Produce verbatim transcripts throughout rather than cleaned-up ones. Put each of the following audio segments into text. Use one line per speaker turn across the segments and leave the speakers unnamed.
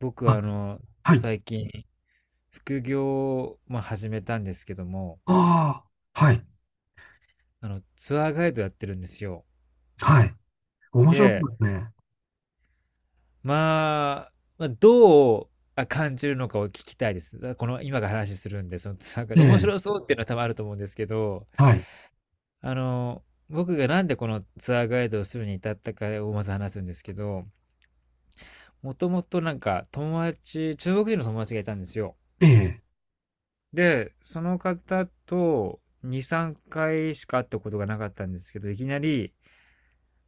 僕
あ、
はあの
はい。
最近副業を、まあ、始めたんですけども、
ああ、はい。
あのツアーガイドやってるんですよ。
はい。面白いで
で、
すね。
まあ、まあどうあ感じるのかを聞きたいです。この今が話するんで、そのツアーガイ
え
ド面
え、
白そうっていうのは多分あると思うんですけど、
はい。
あの僕がなんでこのツアーガイドをするに至ったかをまず話すんですけど、もともとなんか友達、中国人の友達がいたんですよ。
ええ、
で、その方とに、さんかいしか会ったことがなかったんですけど、いきなり、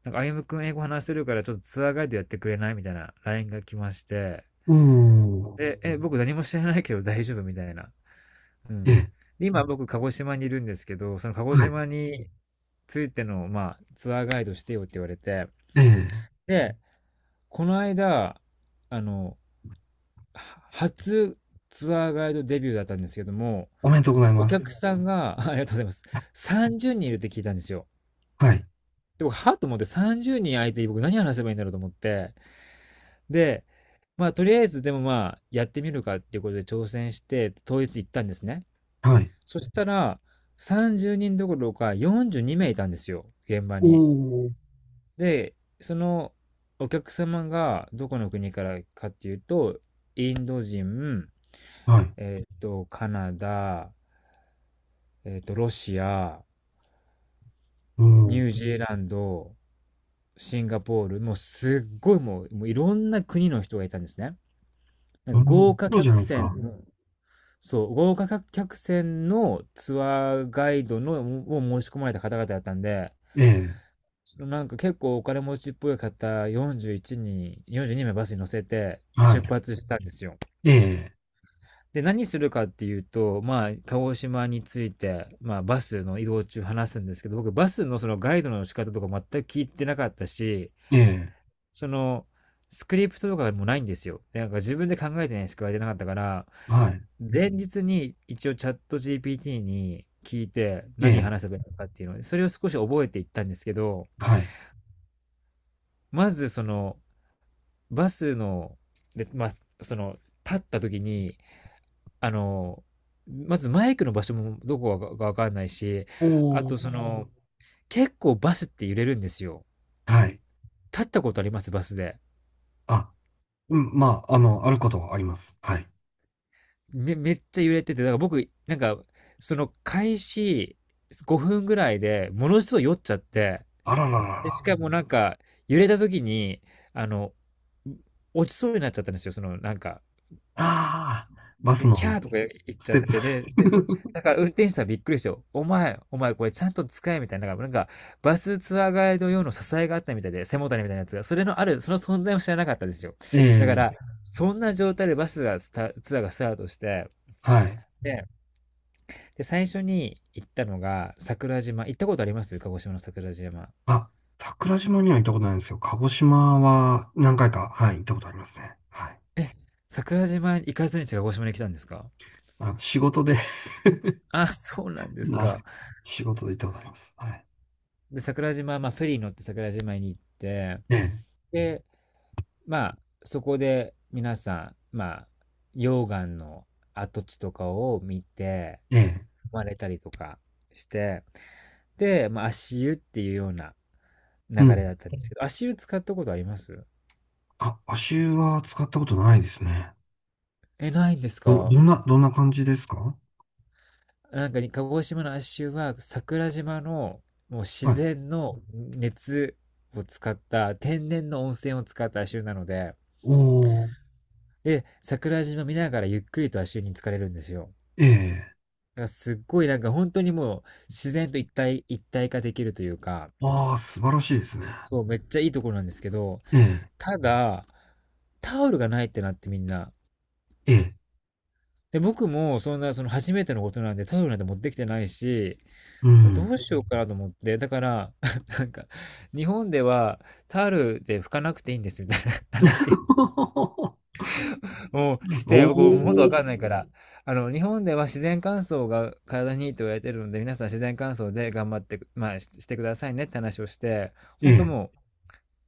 なんか、歩夢くん英語話せるからちょっとツアーガイドやってくれないみたいな ライン が来まして、
おー、
で、え、僕何も知らないけど 大丈夫みたいな。う
え
ん。
え、
で、今僕鹿児島にいるんですけど、その鹿児
はい。
島についての、まあ、ツアーガイドしてよって言われて、
ええ、
で、この間、あの、は初ツアーガイドデビューだったんですけども、
おめでとうござい
お
ます。
客さんが、ありがとうございます。さんじゅうにんいるって聞いたんですよ。
はい。
で、僕、はっと思って、さんじゅうにん相手に僕何話せばいいんだろうと思って。で、まあ、とりあえずでもまあ、やってみるかっていうことで挑戦して、当日行ったんですね。
はい。
そしたら、さんじゅうにんどころかよんじゅうに名いいたんですよ、現場
お
に。
ー、
で、そのお客様がどこの国からかっていうと、インド人、
はい。
えっと、カナダ、えっと、ロシア、
お
ニ
ー、
ュージーランド、シンガポール、もうすっごい、もう、もういろんな国の人がいたんですね。なん
な
か
るほど。
豪
プ
華
ロじゃ
客
ないですか。
船の、そう、豪華客船のツアーガイドのを申し込まれた方々だったんで、
ええ、
そのなんか結構お金持ちっぽい方よんじゅういちにん、よんじゅうに名バスに乗せて
は
出
い。
発したんですよ。
え
で、何するかっていうと、まあ、鹿児島について、まあ、バスの移動中話すんですけど、僕、バスのそのガイドの仕方とか全く聞いてなかったし、
え、ええ、
その、スクリプトとかもないんですよ。でなんか自分で考えてないしか言われてなかったから、
はい。
前日に一応チャット ジーピーティー に聞いて
え
何
え、
話せばいいのかっていうので、それを少し覚えていったんですけど、
はい。
まずその、バスの、で、まあ、その、立った時に、あの、まずマイクの場所もどこかがわかんないし、あ
お
とそ
ー、
の、結構バスって揺れるんですよ。
はい。
立ったことありますバスで。
あ、うん、まあ、あの、あることはあります。はい。
め、めっちゃ揺れてて、だから僕、なんか、その開始ごふんぐらいでものすごい酔っちゃって、
あららら
で、し
ら。
かもなんか、揺れた時に、あの、落ちそうになっちゃったんですよ、その、なんか。
ああ、バス
で、キ
の
ャーとか言っ
ス
ちゃ
テ
っ
ッ
て、で、で、そ、
プ。
だから運転手さんびっくりしてよ。お前、お前これちゃんと使えみたいな、なんか、なんかバスツアーガイド用の支えがあったみたいで、背もたれみたいなやつが、それのある、その存在も知らなかったですよ。
え
だか
え、
ら、そんな状態でバスがスタ、ツアーがスタートして、
はい。
で、で、最初に行ったのが桜島。行ったことあります鹿児島の桜島。
あ、桜島には行ったことないんですよ。鹿児島は何回か、はい、行ったことありますね。はい。
え、桜島行かずに鹿児島に来たんですか？
あの、仕事で、
あ、そうなん です
な、
か。
仕事で行ったことあります。はい。
で、桜島、まあ、フェリー乗って桜島に行って、
ええ、
で、まあ、そこで皆さん、まあ、溶岩の跡地とかを見て、
ええ、
踏まれたりとかして、で、まあ、足湯っていうような流
う
れ
ん。
だったんですけど、足湯使ったことあります？
あ、足湯は使ったことないですね。
え、ないんです
ど、
か？
どんな、どんな感じですか。
なんか鹿児島の亜州は桜島のもう
は
自
い。
然の熱を使った、天然の温泉を使った亜州なので、
おー、
で、桜島見ながらゆっくりと亜州に浸かれるんですよ。
ええ、
だからすっごいなんか本当にもう自然と一体、一体化できるというか、
ああ、素晴らしいですね。
そう、めっちゃいいところなんですけど、
ええ、
ただ、タオルがないってなってみんな。
ええ、
で、僕もそんな、その初めてのことなんでタオルなんて持ってきてないし、
う
ど
ん。
うしようかなと思って、だから、なんか、日本ではタオルで拭かなくていいんですみたいな話 をし
お
て、僕もうもっとわ
お、
かんないから、あの、日本では自然乾燥が体にいいと言われてるので、皆さん自然乾燥で頑張って、まあ、ししてくださいねって話をして、
え
本当
え、
も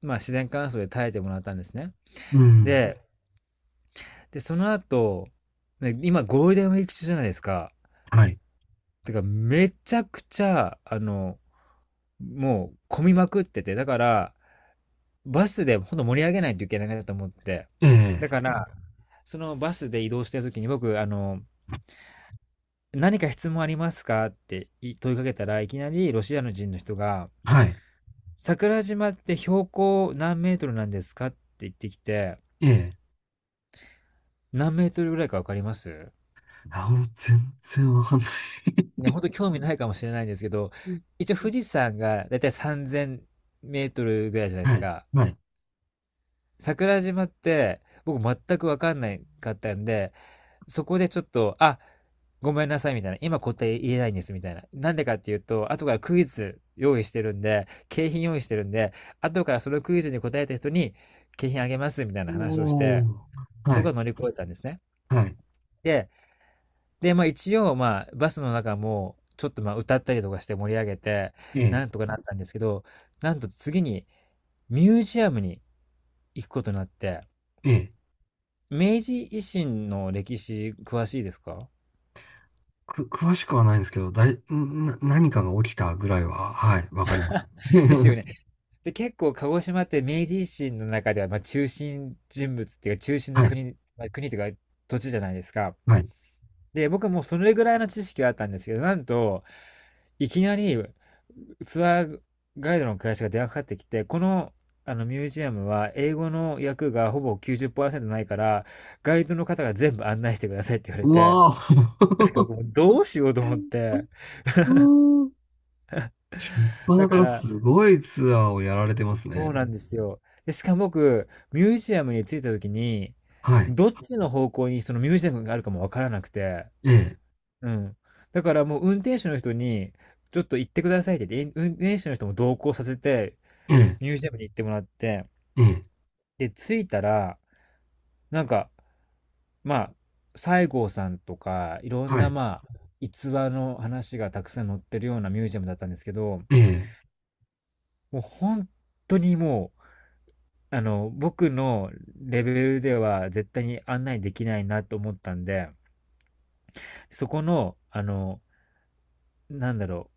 う、まあ、自然乾燥で耐えてもらったんですね。
うん、
で、で、その後、ね、今ゴールデンウィーク中じゃないですか。
はい、
てか、めちゃくちゃ、あの、もう混みまくってて、だから、バスでほんと盛り上げないといけないなと思って。
え
だ
え、
から、そのバスで移動してる時に僕、あの、「何か質問ありますか？」ってい問いかけたら、いきなりロシアの人の人が、
はい、
「桜島って標高何メートルなんですか？」って言ってきて、
ええ、
何メートルぐらいか分かります？
あ、もう全然わかんな
ね、ほんと興味ないかもしれないんですけど、
い。
一応富士山がだいたいさんぜんメートルぐらいじゃないで
は
す
い、
か。
はい。
桜島って僕全く分かんないかったんで、そこでちょっと、あ、ごめんなさいみたいな、今答え言えないんですみたいな。なんでかっていうと、後からクイズ用意してるんで、景品用意してるんで、後からそのクイズに答えた人に景品あげますみたいな話をして、
おー、は
そこは
い、
乗り越えたんですね。
はい。
で、で、まあ一応、まあバスの中も、ちょっとまあ歌ったりとかして盛り上げて、
ええ、
なんとかなったんですけど、なんと次にミュージアムに行くことになって、
ええ。
明治維新の歴史詳しいですか？
く、詳しくはないんですけど、だい、んな、何かが起きたぐらいは、はい、わかります。
ですよね。で、結構鹿児島って明治維新の中ではまあ中心人物っていうか中心の
はい、
国、まあ、国というか土地じゃないですか。
はい。
で、僕はもうそれぐらいの知識があったんですけど、なんと、いきなりツアーガイドの会社が電話かかってきて、この、あのミュージアムは英語の訳がほぼきゅうじゅっパーセントないから、ガイドの方が全部案内してくださいって言われ
う
て、
わ
なんか僕
ー、
もどうしようと思って、
うーん、しょっぱ
だ
なか
か
ら
ら、
すごいツアーをやられてます
そ
ね。
うなんですよ。で、しかも僕、ミュージアムに着いた時に、
はい、
どっちの方向にそのミュージアムがあるかもわからなくて、
ええ、
うん。だからもう運転手の人に、ちょっと行ってくださいって言って、運転手の人も同行させて、
ええ、
ミュージアムに行ってもらって、
ええ、
で、着いたら、なんか、まあ、西郷さんとか、いろん
は
な、
い、
まあ、逸話の話がたくさん載ってるようなミュージアムだったんですけど、
ええ、
もう本当にもう、あの、僕のレベルでは絶対に案内できないなと思ったんで、そこの、あの、なんだろ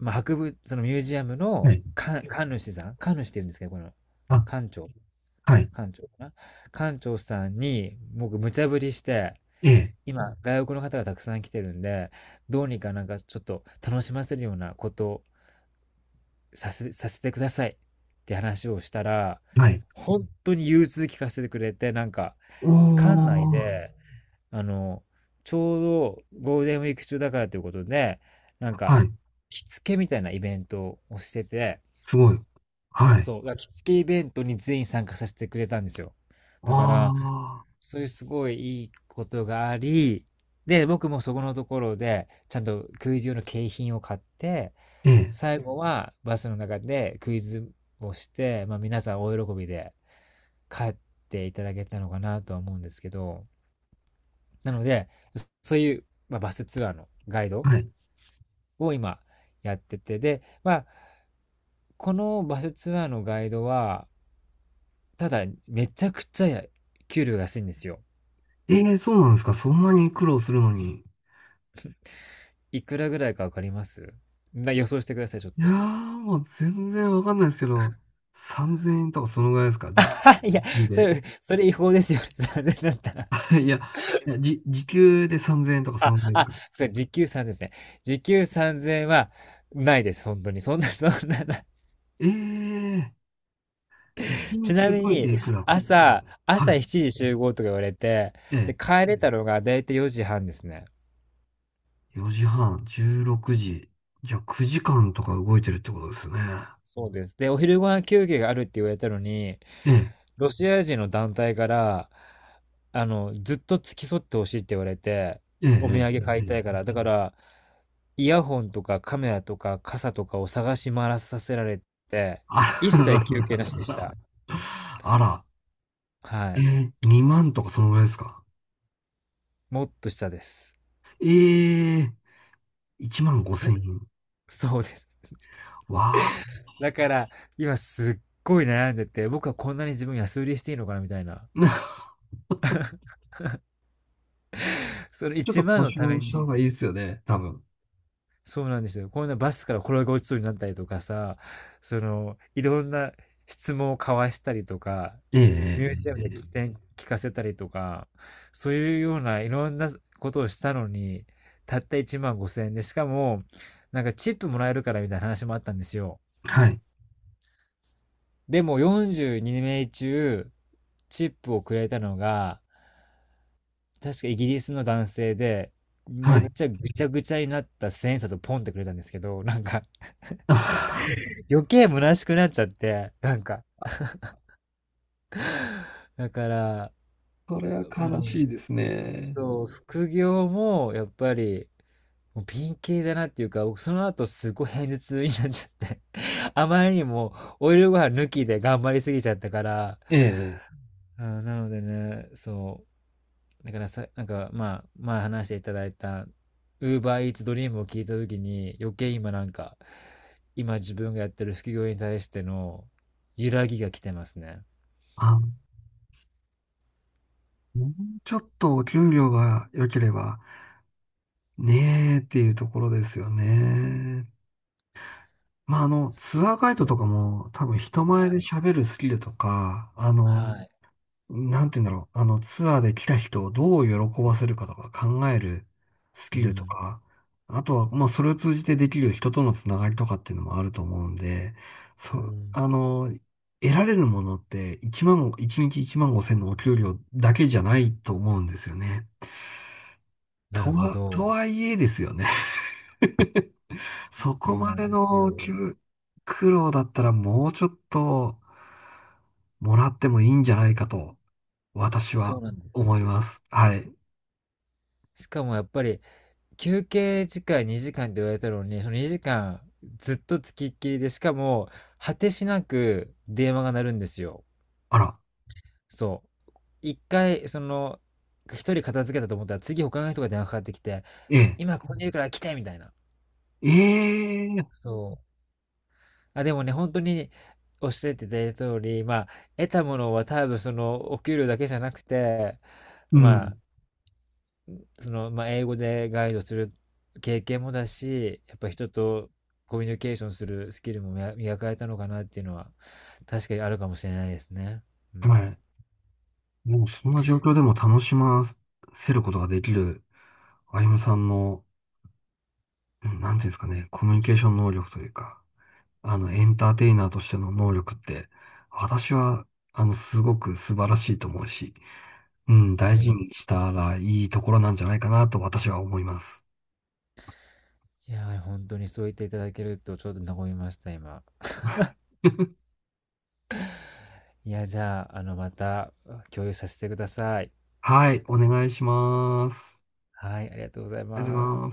う、まあ、博物、そのミュージアム
は
の
い、
館、館主さん、館主って言うんですけど、この、
あ、
館長、
はい、
館長かな、館長さんに、僕、無茶ぶりして、
ええ、
今、外国の方がたくさん来てるんで、どうにかなんかちょっと楽しませるようなことをさせ、させてくださいって話をしたら、
はい。
本当に融通聞かせてくれて、なんか、
お
館内
ー、
で、あの、ちょうどゴールデンウィーク中だからということで、なんか、
はい、
着付けみたいなイベントをしてて、
すごい。はい、
そう、だから着付けイベントに全員参加させてくれたんですよ。
あ
だから、
あ、
そういうすごいいいことがあり、で、僕もそこのところで、ちゃんとクイズ用の景品を買って、
ええ、
最後はバスの中でクイズをして、まあ皆さん大喜びで帰っていただけたのかなとは思うんですけど、なので、そういう、まあ、バスツアーのガイド
はい。
を今やってて、で、まあ、このバスツアーのガイドは、ただ、めちゃくちゃ給料が安いんですよ。
ええ、そうなんですか。そんなに苦労するのに。
いくらぐらいかわかりますな、予想してください、ちょっ
いやー、
と。
もう全然わかんないですけど、さんぜんえんとかそのぐらいですか、時、
いや、
時給
そ
で。
れ、それ違法ですよ、ね。さんえんだったら。
いや、いやじ、時給でさんぜんえんとかそ
あ、
のぐらいです
あ、
か。
それ、時給さんぜんですね。時給さんぜんえんは、ないです、本当に。そんな、そんな、な
ええ、1
ち
日
なみ
動い
に、
ていくらか。
朝、
は
朝
い。
しちじ集合とか言われて、
え
で、帰れたのがだいたいよじはんですね。
え、よじはん、じゅうろくじ。じゃあくじかんとか動いてるってことですね。
そうです。で、お昼ご飯休憩があるって言われたのに、
ええ、
ロシア人の団体から、あの、ずっと付き添ってほしいって言われて、
ええ、え
お土産
え、
買い
え
たいか
え、
ら、だから、イヤホンとかカメラとか傘とかを探し回らさせられて、
あ
一
ら
切休
ら
憩
ら
なしで
らら
し
ら。
た。
あら、
は
え
い。
え、にまんとかそのぐらいですか。
もっと下です。
ええ、いちまんごせん円。
そうです。
わあ。
だから、今すっごい悩んでて、僕はこんなに自分安売りしていいのかなみたいな。その
ちょっ
1
と
万
交
のた
渉
め
した方
に、
がいいですよね、多分。
そうなんですよ。こんなバスから転げ落ちそうになったりとかさ、その、いろんな質問を交わしたりとか、
ええ、
ミ
え
ュージア
え、
ムで聞
ええ。
き聞かせたりとか、そういうようないろんなことをしたのに、たったいちまんごせん円で、しかも、なんかチップもらえるからみたいな話もあったんですよ。
はい。
でもよんじゅうに名中、チップをくれたのが、確かイギリスの男性で、
は
めっ
い。
ちゃぐちゃぐちゃになったせんえんさつをポンってくれたんですけど、なんか
あ、
余計虚しくなっちゃって、なんか、だから、
それは
う
悲
ん、
しいですね。
そう、副業もやっぱり、もうピン系だなっていうか、僕その後すごい偏頭痛になっちゃって あまりにもオイルご飯抜きで頑張りすぎちゃったから、
ええ。
あー、なのでね、そう、だからさ、なんか、まあ、前まあ話していただいた、Uber Eats Dream を聞いたときに、余計今なんか、今自分がやってる副業に対しての揺らぎが来てますね。
あ、もうちょっとお給料が良ければねえっていうところですよね。まあ、あの、
そう
ツ
な
ア
ん
ー
で
ガイ
す
ドと
よ。
かも多分人前
は
で
い。
喋るスキルとか、あの、
はい。
なんて言うんだろう。あの、ツアーで来た人をどう喜ばせるかとか考えるス
う
キルと
ん。
か、あとは、まあ、それを通じてできる人とのつながりとかっていうのもあると思うんで、
う
そ、
ん。
あの、得られるものっていちまん、いちにちいちまんごせんのお給料だけじゃないと思うんですよね。
な
と
るほ
は、と
ど。
はいえですよね。そこ
そう
ま
なん
で
です
の
よ。
給苦労だったらもうちょっともらってもいいんじゃないかと、私
そ
は
うなんで
思い
す。
ます。はい。
しかもやっぱり休憩時間にじかんって言われたのに、そのにじかんずっとつきっきりで、しかも果てしなく電話が鳴るんですよ。
あら、
そう。一回、その、一人片付けたと思ったら、次他の人が電話かかってきて、
ええ、
今ここにいるから来てみたいな。
ええ、
そう。あ、でもね、本当におっしゃっていただいた通り、まあ、得たものは多分その、お給料だけじゃなくて、
う
まあ、その、まあ、英語でガイドする経験もだし、やっぱ人とコミュニケーションするスキルも磨磨かれたのかなっていうのは、確かにあるかもしれないですね。う
ん、
ん。
はい。もうそんな状況でも楽しませることができる、あゆむさんの、うん、なんていうんですかね、コミュニケーション能力というか、あの、エンターテイナーとしての能力って、私は、あの、すごく素晴らしいと思うし、うん、
あ
大
り
事
がとう、
にしたらいいところなんじゃないかなと私は思います。
いやー、本当にそう言っていただけると、ちょっと和みました、今。いや、じゃあ、あの、また共有させてください。
はい、お願いします。
はい、ありがとうござい
ありがとう
ま
ござい
す。
ます。